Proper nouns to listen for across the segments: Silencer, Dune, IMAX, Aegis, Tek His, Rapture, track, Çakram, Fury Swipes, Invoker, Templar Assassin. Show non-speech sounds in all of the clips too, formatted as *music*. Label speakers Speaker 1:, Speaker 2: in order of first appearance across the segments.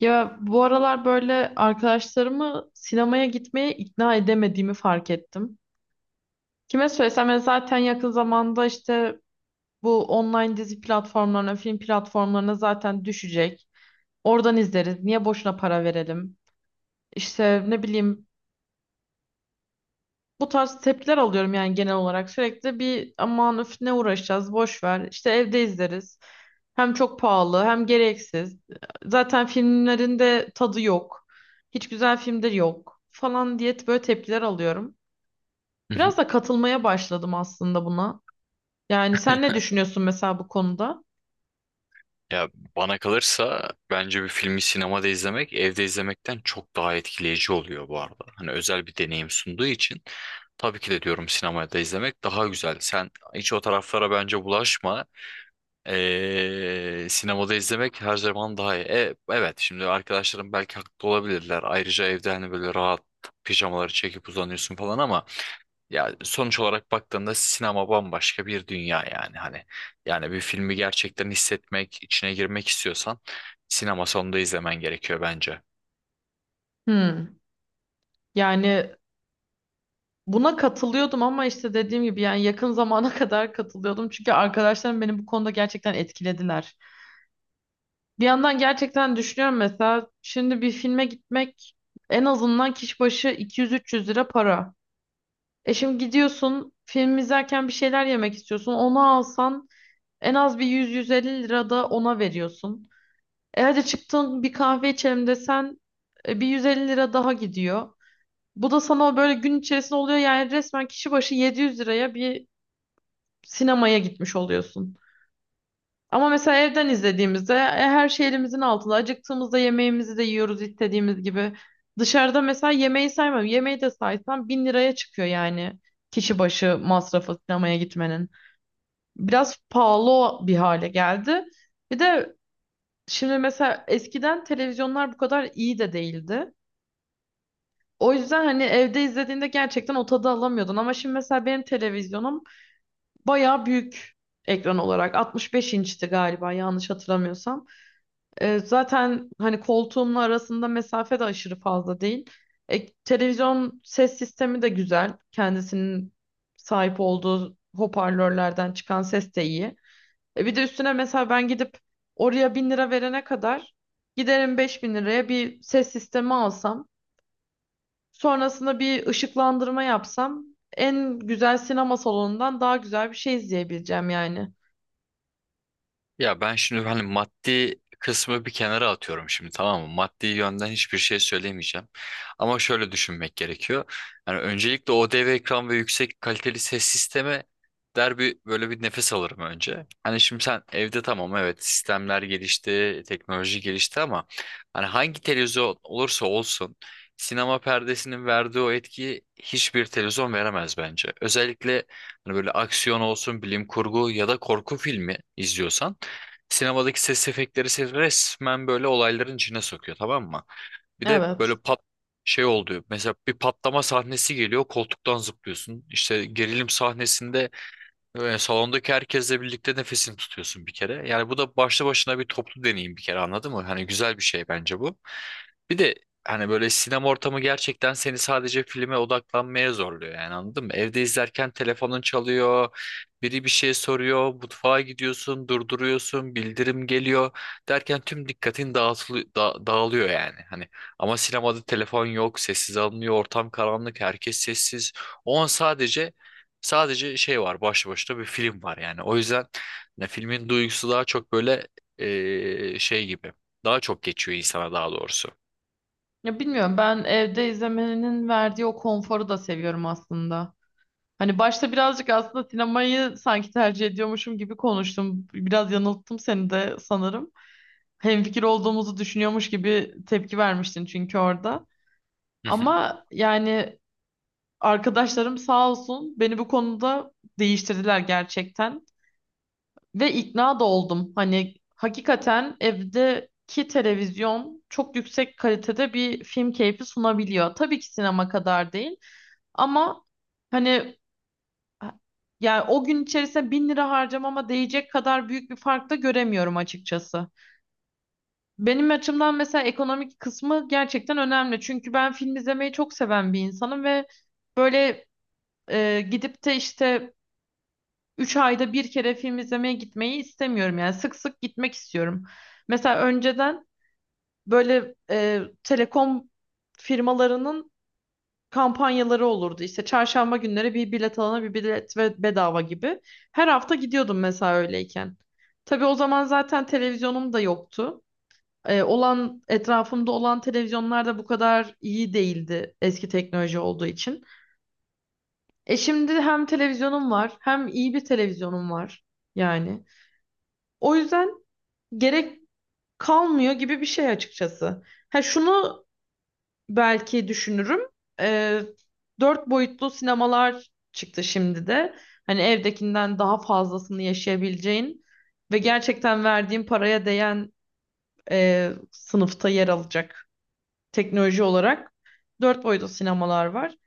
Speaker 1: Ya bu aralar böyle arkadaşlarımı sinemaya gitmeye ikna edemediğimi fark ettim. Kime söylesem ben zaten yakın zamanda işte bu online dizi platformlarına, film platformlarına zaten düşecek. Oradan izleriz. Niye boşuna para verelim? İşte ne bileyim bu tarz tepkiler alıyorum yani genel olarak sürekli bir aman öf ne uğraşacağız boş ver işte evde izleriz. Hem çok pahalı hem gereksiz. Zaten filmlerin de tadı yok. Hiç güzel filmdir yok falan diye böyle tepkiler alıyorum.
Speaker 2: Hı hı.
Speaker 1: Biraz da katılmaya başladım aslında buna. Yani sen ne düşünüyorsun mesela bu konuda?
Speaker 2: Ya Bana kalırsa bence bir filmi sinemada izlemek evde izlemekten çok daha etkileyici oluyor bu arada. Hani özel bir deneyim sunduğu için tabii ki de diyorum sinemada izlemek daha güzel. Sen hiç o taraflara bence bulaşma. Sinemada izlemek her zaman daha iyi. Evet, şimdi arkadaşlarım belki haklı olabilirler. Ayrıca evde hani böyle rahat pijamaları çekip uzanıyorsun falan ama ya sonuç olarak baktığında sinema bambaşka bir dünya. Yani hani yani bir filmi gerçekten hissetmek, içine girmek istiyorsan sinema sonunda izlemen gerekiyor bence.
Speaker 1: Hmm. Yani, buna katılıyordum ama işte dediğim gibi yani yakın zamana *laughs* kadar katılıyordum. Çünkü arkadaşlarım beni bu konuda gerçekten etkilediler. Bir yandan gerçekten düşünüyorum mesela şimdi bir filme gitmek en azından kişi başı 200-300 lira para. E şimdi gidiyorsun film izlerken bir şeyler yemek istiyorsun. Onu alsan en az bir 100-150 lira da ona veriyorsun. E hadi çıktın bir kahve içelim desen bir 150 lira daha gidiyor. Bu da sana böyle gün içerisinde oluyor yani resmen kişi başı 700 liraya bir sinemaya gitmiş oluyorsun. Ama mesela evden izlediğimizde her şey elimizin altında. Acıktığımızda yemeğimizi de yiyoruz istediğimiz gibi. Dışarıda mesela yemeği saymam. Yemeği de saysam 1.000 liraya çıkıyor yani kişi başı masrafı sinemaya gitmenin. Biraz pahalı bir hale geldi. Bir de şimdi mesela eskiden televizyonlar bu kadar iyi de değildi. O yüzden hani evde izlediğinde gerçekten o tadı alamıyordun. Ama şimdi mesela benim televizyonum bayağı büyük, ekran olarak 65 inçti galiba yanlış hatırlamıyorsam. Zaten hani koltuğumla arasında mesafe de aşırı fazla değil. E, televizyon ses sistemi de güzel. Kendisinin sahip olduğu hoparlörlerden çıkan ses de iyi. E, bir de üstüne mesela ben gidip oraya 1000 lira verene kadar giderim 5.000 liraya bir ses sistemi alsam, sonrasında bir ışıklandırma yapsam en güzel sinema salonundan daha güzel bir şey izleyebileceğim yani.
Speaker 2: Ya ben şimdi hani maddi kısmı bir kenara atıyorum şimdi, tamam mı? Maddi yönden hiçbir şey söylemeyeceğim. Ama şöyle düşünmek gerekiyor. Yani öncelikle o dev ekran ve yüksek kaliteli ses sisteme der, böyle bir nefes alırım önce. Hani şimdi sen evde tamam, evet, sistemler gelişti, teknoloji gelişti ama hani hangi televizyon olursa olsun, sinema perdesinin verdiği o etkiyi hiçbir televizyon veremez bence. Özellikle hani böyle aksiyon olsun, bilim kurgu ya da korku filmi izliyorsan sinemadaki ses efektleri seni resmen böyle olayların içine sokuyor, tamam mı? Bir de
Speaker 1: Evet.
Speaker 2: böyle pat şey oluyor. Mesela bir patlama sahnesi geliyor, koltuktan zıplıyorsun. İşte gerilim sahnesinde ve salondaki herkesle birlikte nefesini tutuyorsun bir kere. Yani bu da başlı başına bir toplu deneyim bir kere, anladın mı? Hani güzel bir şey bence bu. Bir de hani böyle sinema ortamı gerçekten seni sadece filme odaklanmaya zorluyor yani, anladın mı? Evde izlerken telefonun çalıyor, biri bir şey soruyor, mutfağa gidiyorsun, durduruyorsun, bildirim geliyor, derken tüm dikkatin dağılıyor yani. Hani ama sinemada telefon yok, sessiz alınıyor, ortam karanlık, herkes sessiz. O an sadece Sadece şey var, başlı başına bir film var yani. O yüzden ne, filmin duygusu daha çok böyle şey gibi. Daha çok geçiyor insana, daha doğrusu.
Speaker 1: Ya bilmiyorum, ben evde izlemenin verdiği o konforu da seviyorum aslında. Hani başta birazcık aslında sinemayı sanki tercih ediyormuşum gibi konuştum. Biraz yanılttım seni de sanırım. Hemfikir olduğumuzu düşünüyormuş gibi tepki vermiştin çünkü orada.
Speaker 2: Hı hı.
Speaker 1: Ama yani arkadaşlarım sağ olsun beni bu konuda değiştirdiler gerçekten. Ve ikna da oldum. Hani hakikaten evdeki televizyon çok yüksek kalitede bir film keyfi sunabiliyor. Tabii ki sinema kadar değil ama hani yani o gün içerisinde 1.000 lira harcamama değecek kadar büyük bir fark da göremiyorum açıkçası. Benim açımdan mesela ekonomik kısmı gerçekten önemli. Çünkü ben film izlemeyi çok seven bir insanım ve böyle gidip de işte 3 ayda bir kere film izlemeye gitmeyi istemiyorum. Yani sık sık gitmek istiyorum. Mesela önceden böyle telekom firmalarının kampanyaları olurdu. İşte çarşamba günleri bir bilet alana bir bilet ve bedava gibi. Her hafta gidiyordum mesela öyleyken. Tabii o zaman zaten televizyonum da yoktu. E, olan etrafımda olan televizyonlar da bu kadar iyi değildi eski teknoloji olduğu için. E şimdi hem televizyonum var, hem iyi bir televizyonum var yani. O yüzden gerek kalmıyor gibi bir şey açıkçası. Ha şunu belki düşünürüm. E, dört boyutlu sinemalar çıktı şimdi de. Hani evdekinden daha fazlasını yaşayabileceğin ve gerçekten verdiğin paraya değen sınıfta yer alacak teknoloji olarak dört boyutlu sinemalar var.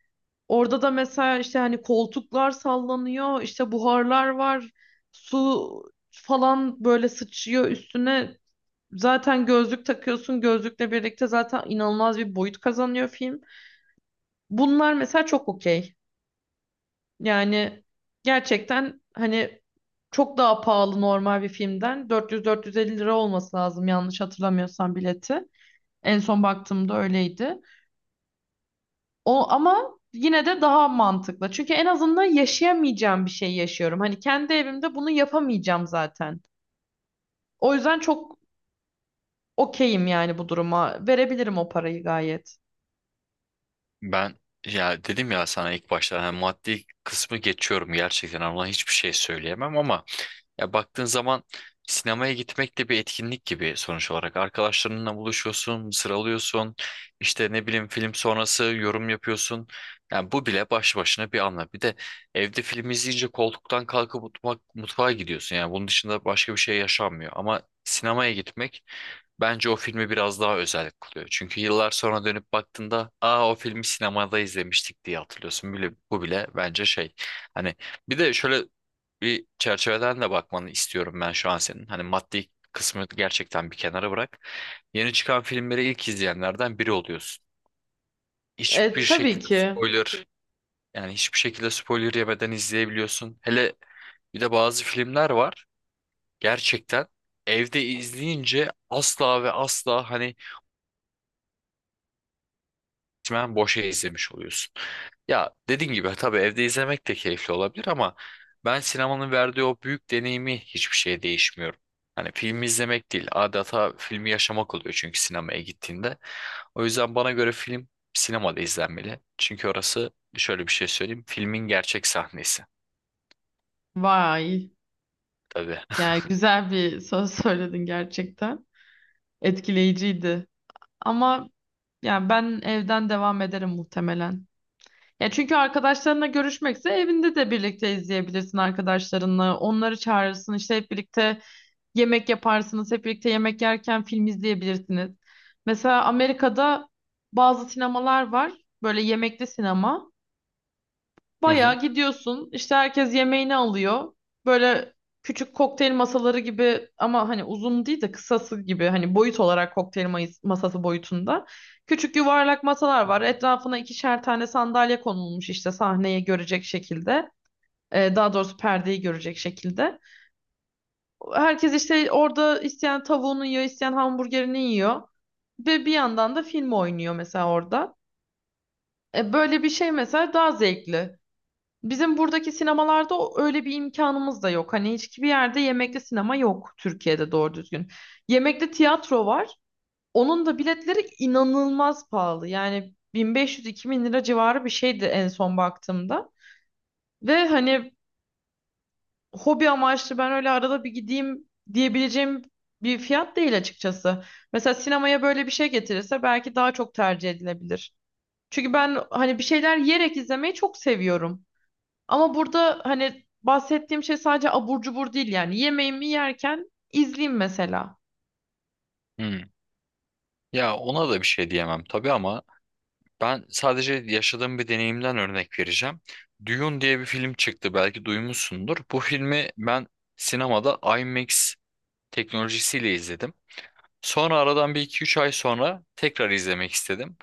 Speaker 1: Orada da mesela işte hani koltuklar sallanıyor, işte buharlar var, su falan böyle sıçıyor üstüne. Zaten gözlük takıyorsun, gözlükle birlikte zaten inanılmaz bir boyut kazanıyor film. Bunlar mesela çok okey. Yani gerçekten hani çok daha pahalı normal bir filmden. 400-450 lira olması lazım yanlış hatırlamıyorsam bileti. En son baktığımda öyleydi. O ama yine de daha mantıklı. Çünkü en azından yaşayamayacağım bir şey yaşıyorum. Hani kendi evimde bunu yapamayacağım zaten. O yüzden çok okeyim yani bu duruma. Verebilirim o parayı gayet.
Speaker 2: Ben ya dedim ya sana ilk başta hani maddi kısmı geçiyorum gerçekten, ama hiçbir şey söyleyemem ama ya baktığın zaman sinemaya gitmek de bir etkinlik gibi sonuç olarak. Arkadaşlarınla buluşuyorsun, sıralıyorsun, işte ne bileyim film sonrası yorum yapıyorsun. Yani bu bile baş başına bir anlam. Bir de evde film izleyince koltuktan kalkıp mutfağa gidiyorsun. Yani bunun dışında başka bir şey yaşanmıyor. Ama sinemaya gitmek bence o filmi biraz daha özel kılıyor. Çünkü yıllar sonra dönüp baktığında, aa, o filmi sinemada izlemiştik diye hatırlıyorsun. Bu bile bence şey. Hani bir de şöyle bir çerçeveden de bakmanı istiyorum ben şu an senin. Hani maddi kısmı gerçekten bir kenara bırak. Yeni çıkan filmleri ilk izleyenlerden biri oluyorsun.
Speaker 1: E,
Speaker 2: Hiçbir
Speaker 1: tabii
Speaker 2: şekilde
Speaker 1: ki.
Speaker 2: spoiler Yani hiçbir şekilde spoiler yemeden izleyebiliyorsun. Hele bir de bazı filmler var. Gerçekten evde izleyince asla ve asla hani resmen boşa izlemiş oluyorsun. Ya dediğin gibi tabii evde izlemek de keyifli olabilir ama ben sinemanın verdiği o büyük deneyimi hiçbir şeye değişmiyorum. Hani filmi izlemek değil, adeta filmi yaşamak oluyor çünkü sinemaya gittiğinde. O yüzden bana göre film sinemada izlenmeli. Çünkü orası şöyle, bir şey söyleyeyim, filmin gerçek sahnesi
Speaker 1: Vay.
Speaker 2: tabii.
Speaker 1: Yani güzel bir söz *laughs* söyledin gerçekten. Etkileyiciydi. Ama yani ben evden devam ederim muhtemelen. Ya çünkü arkadaşlarınla görüşmekse evinde de birlikte izleyebilirsin arkadaşlarınla. Onları çağırırsın işte, hep birlikte yemek yaparsınız, hep birlikte yemek yerken film izleyebilirsiniz. Mesela Amerika'da bazı sinemalar var, böyle yemekli sinema.
Speaker 2: *laughs* Hı hı.
Speaker 1: Bayağı gidiyorsun, işte herkes yemeğini alıyor. Böyle küçük kokteyl masaları gibi ama hani uzun değil de kısası gibi, hani boyut olarak kokteyl masası boyutunda. Küçük yuvarlak masalar var. Etrafına ikişer tane sandalye konulmuş işte sahneyi görecek şekilde. Daha doğrusu perdeyi görecek şekilde. Herkes işte orada isteyen tavuğunu yiyor, isteyen hamburgerini yiyor. Ve bir yandan da film oynuyor mesela orada. E, böyle bir şey mesela daha zevkli. Bizim buradaki sinemalarda öyle bir imkanımız da yok. Hani hiçbir yerde yemekli sinema yok Türkiye'de doğru düzgün. Yemekli tiyatro var. Onun da biletleri inanılmaz pahalı. Yani 1500-2000 lira civarı bir şeydi en son baktığımda. Ve hani hobi amaçlı ben öyle arada bir gideyim diyebileceğim bir fiyat değil açıkçası. Mesela sinemaya böyle bir şey getirirse belki daha çok tercih edilebilir. Çünkü ben hani bir şeyler yiyerek izlemeyi çok seviyorum. Ama burada hani bahsettiğim şey sadece abur cubur değil yani. Yemeğimi yerken izleyeyim mesela.
Speaker 2: Hı. Ya ona da bir şey diyemem tabii ama ben sadece yaşadığım bir deneyimden örnek vereceğim. Dune diye bir film çıktı, belki duymuşsundur. Bu filmi ben sinemada IMAX teknolojisiyle izledim. Sonra aradan bir iki üç ay sonra tekrar izlemek istedim.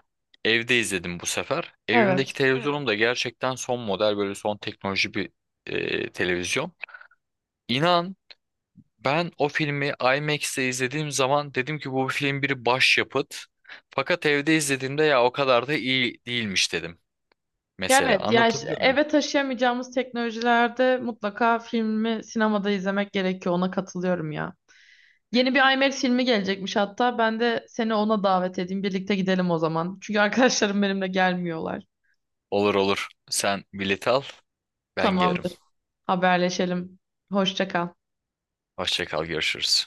Speaker 2: Evde izledim bu sefer. Evimdeki Hı.
Speaker 1: Evet.
Speaker 2: televizyonum da gerçekten son model, böyle son teknoloji bir televizyon. İnan, ben o filmi IMAX'te izlediğim zaman dedim ki bu film bir başyapıt. Fakat evde izlediğimde ya o kadar da iyi değilmiş dedim.
Speaker 1: Ya
Speaker 2: Mesela
Speaker 1: evet, ya işte
Speaker 2: anlatabiliyor muyum?
Speaker 1: eve taşıyamayacağımız teknolojilerde mutlaka filmi sinemada izlemek gerekiyor. Ona katılıyorum ya. Yeni bir IMAX filmi gelecekmiş hatta. Ben de seni ona davet edeyim. Birlikte gidelim o zaman. Çünkü arkadaşlarım benimle gelmiyorlar.
Speaker 2: Olur olur. Sen bileti al, ben gelirim.
Speaker 1: Tamamdır. Haberleşelim. Hoşça kal.
Speaker 2: Hoşça kal, görüşürüz.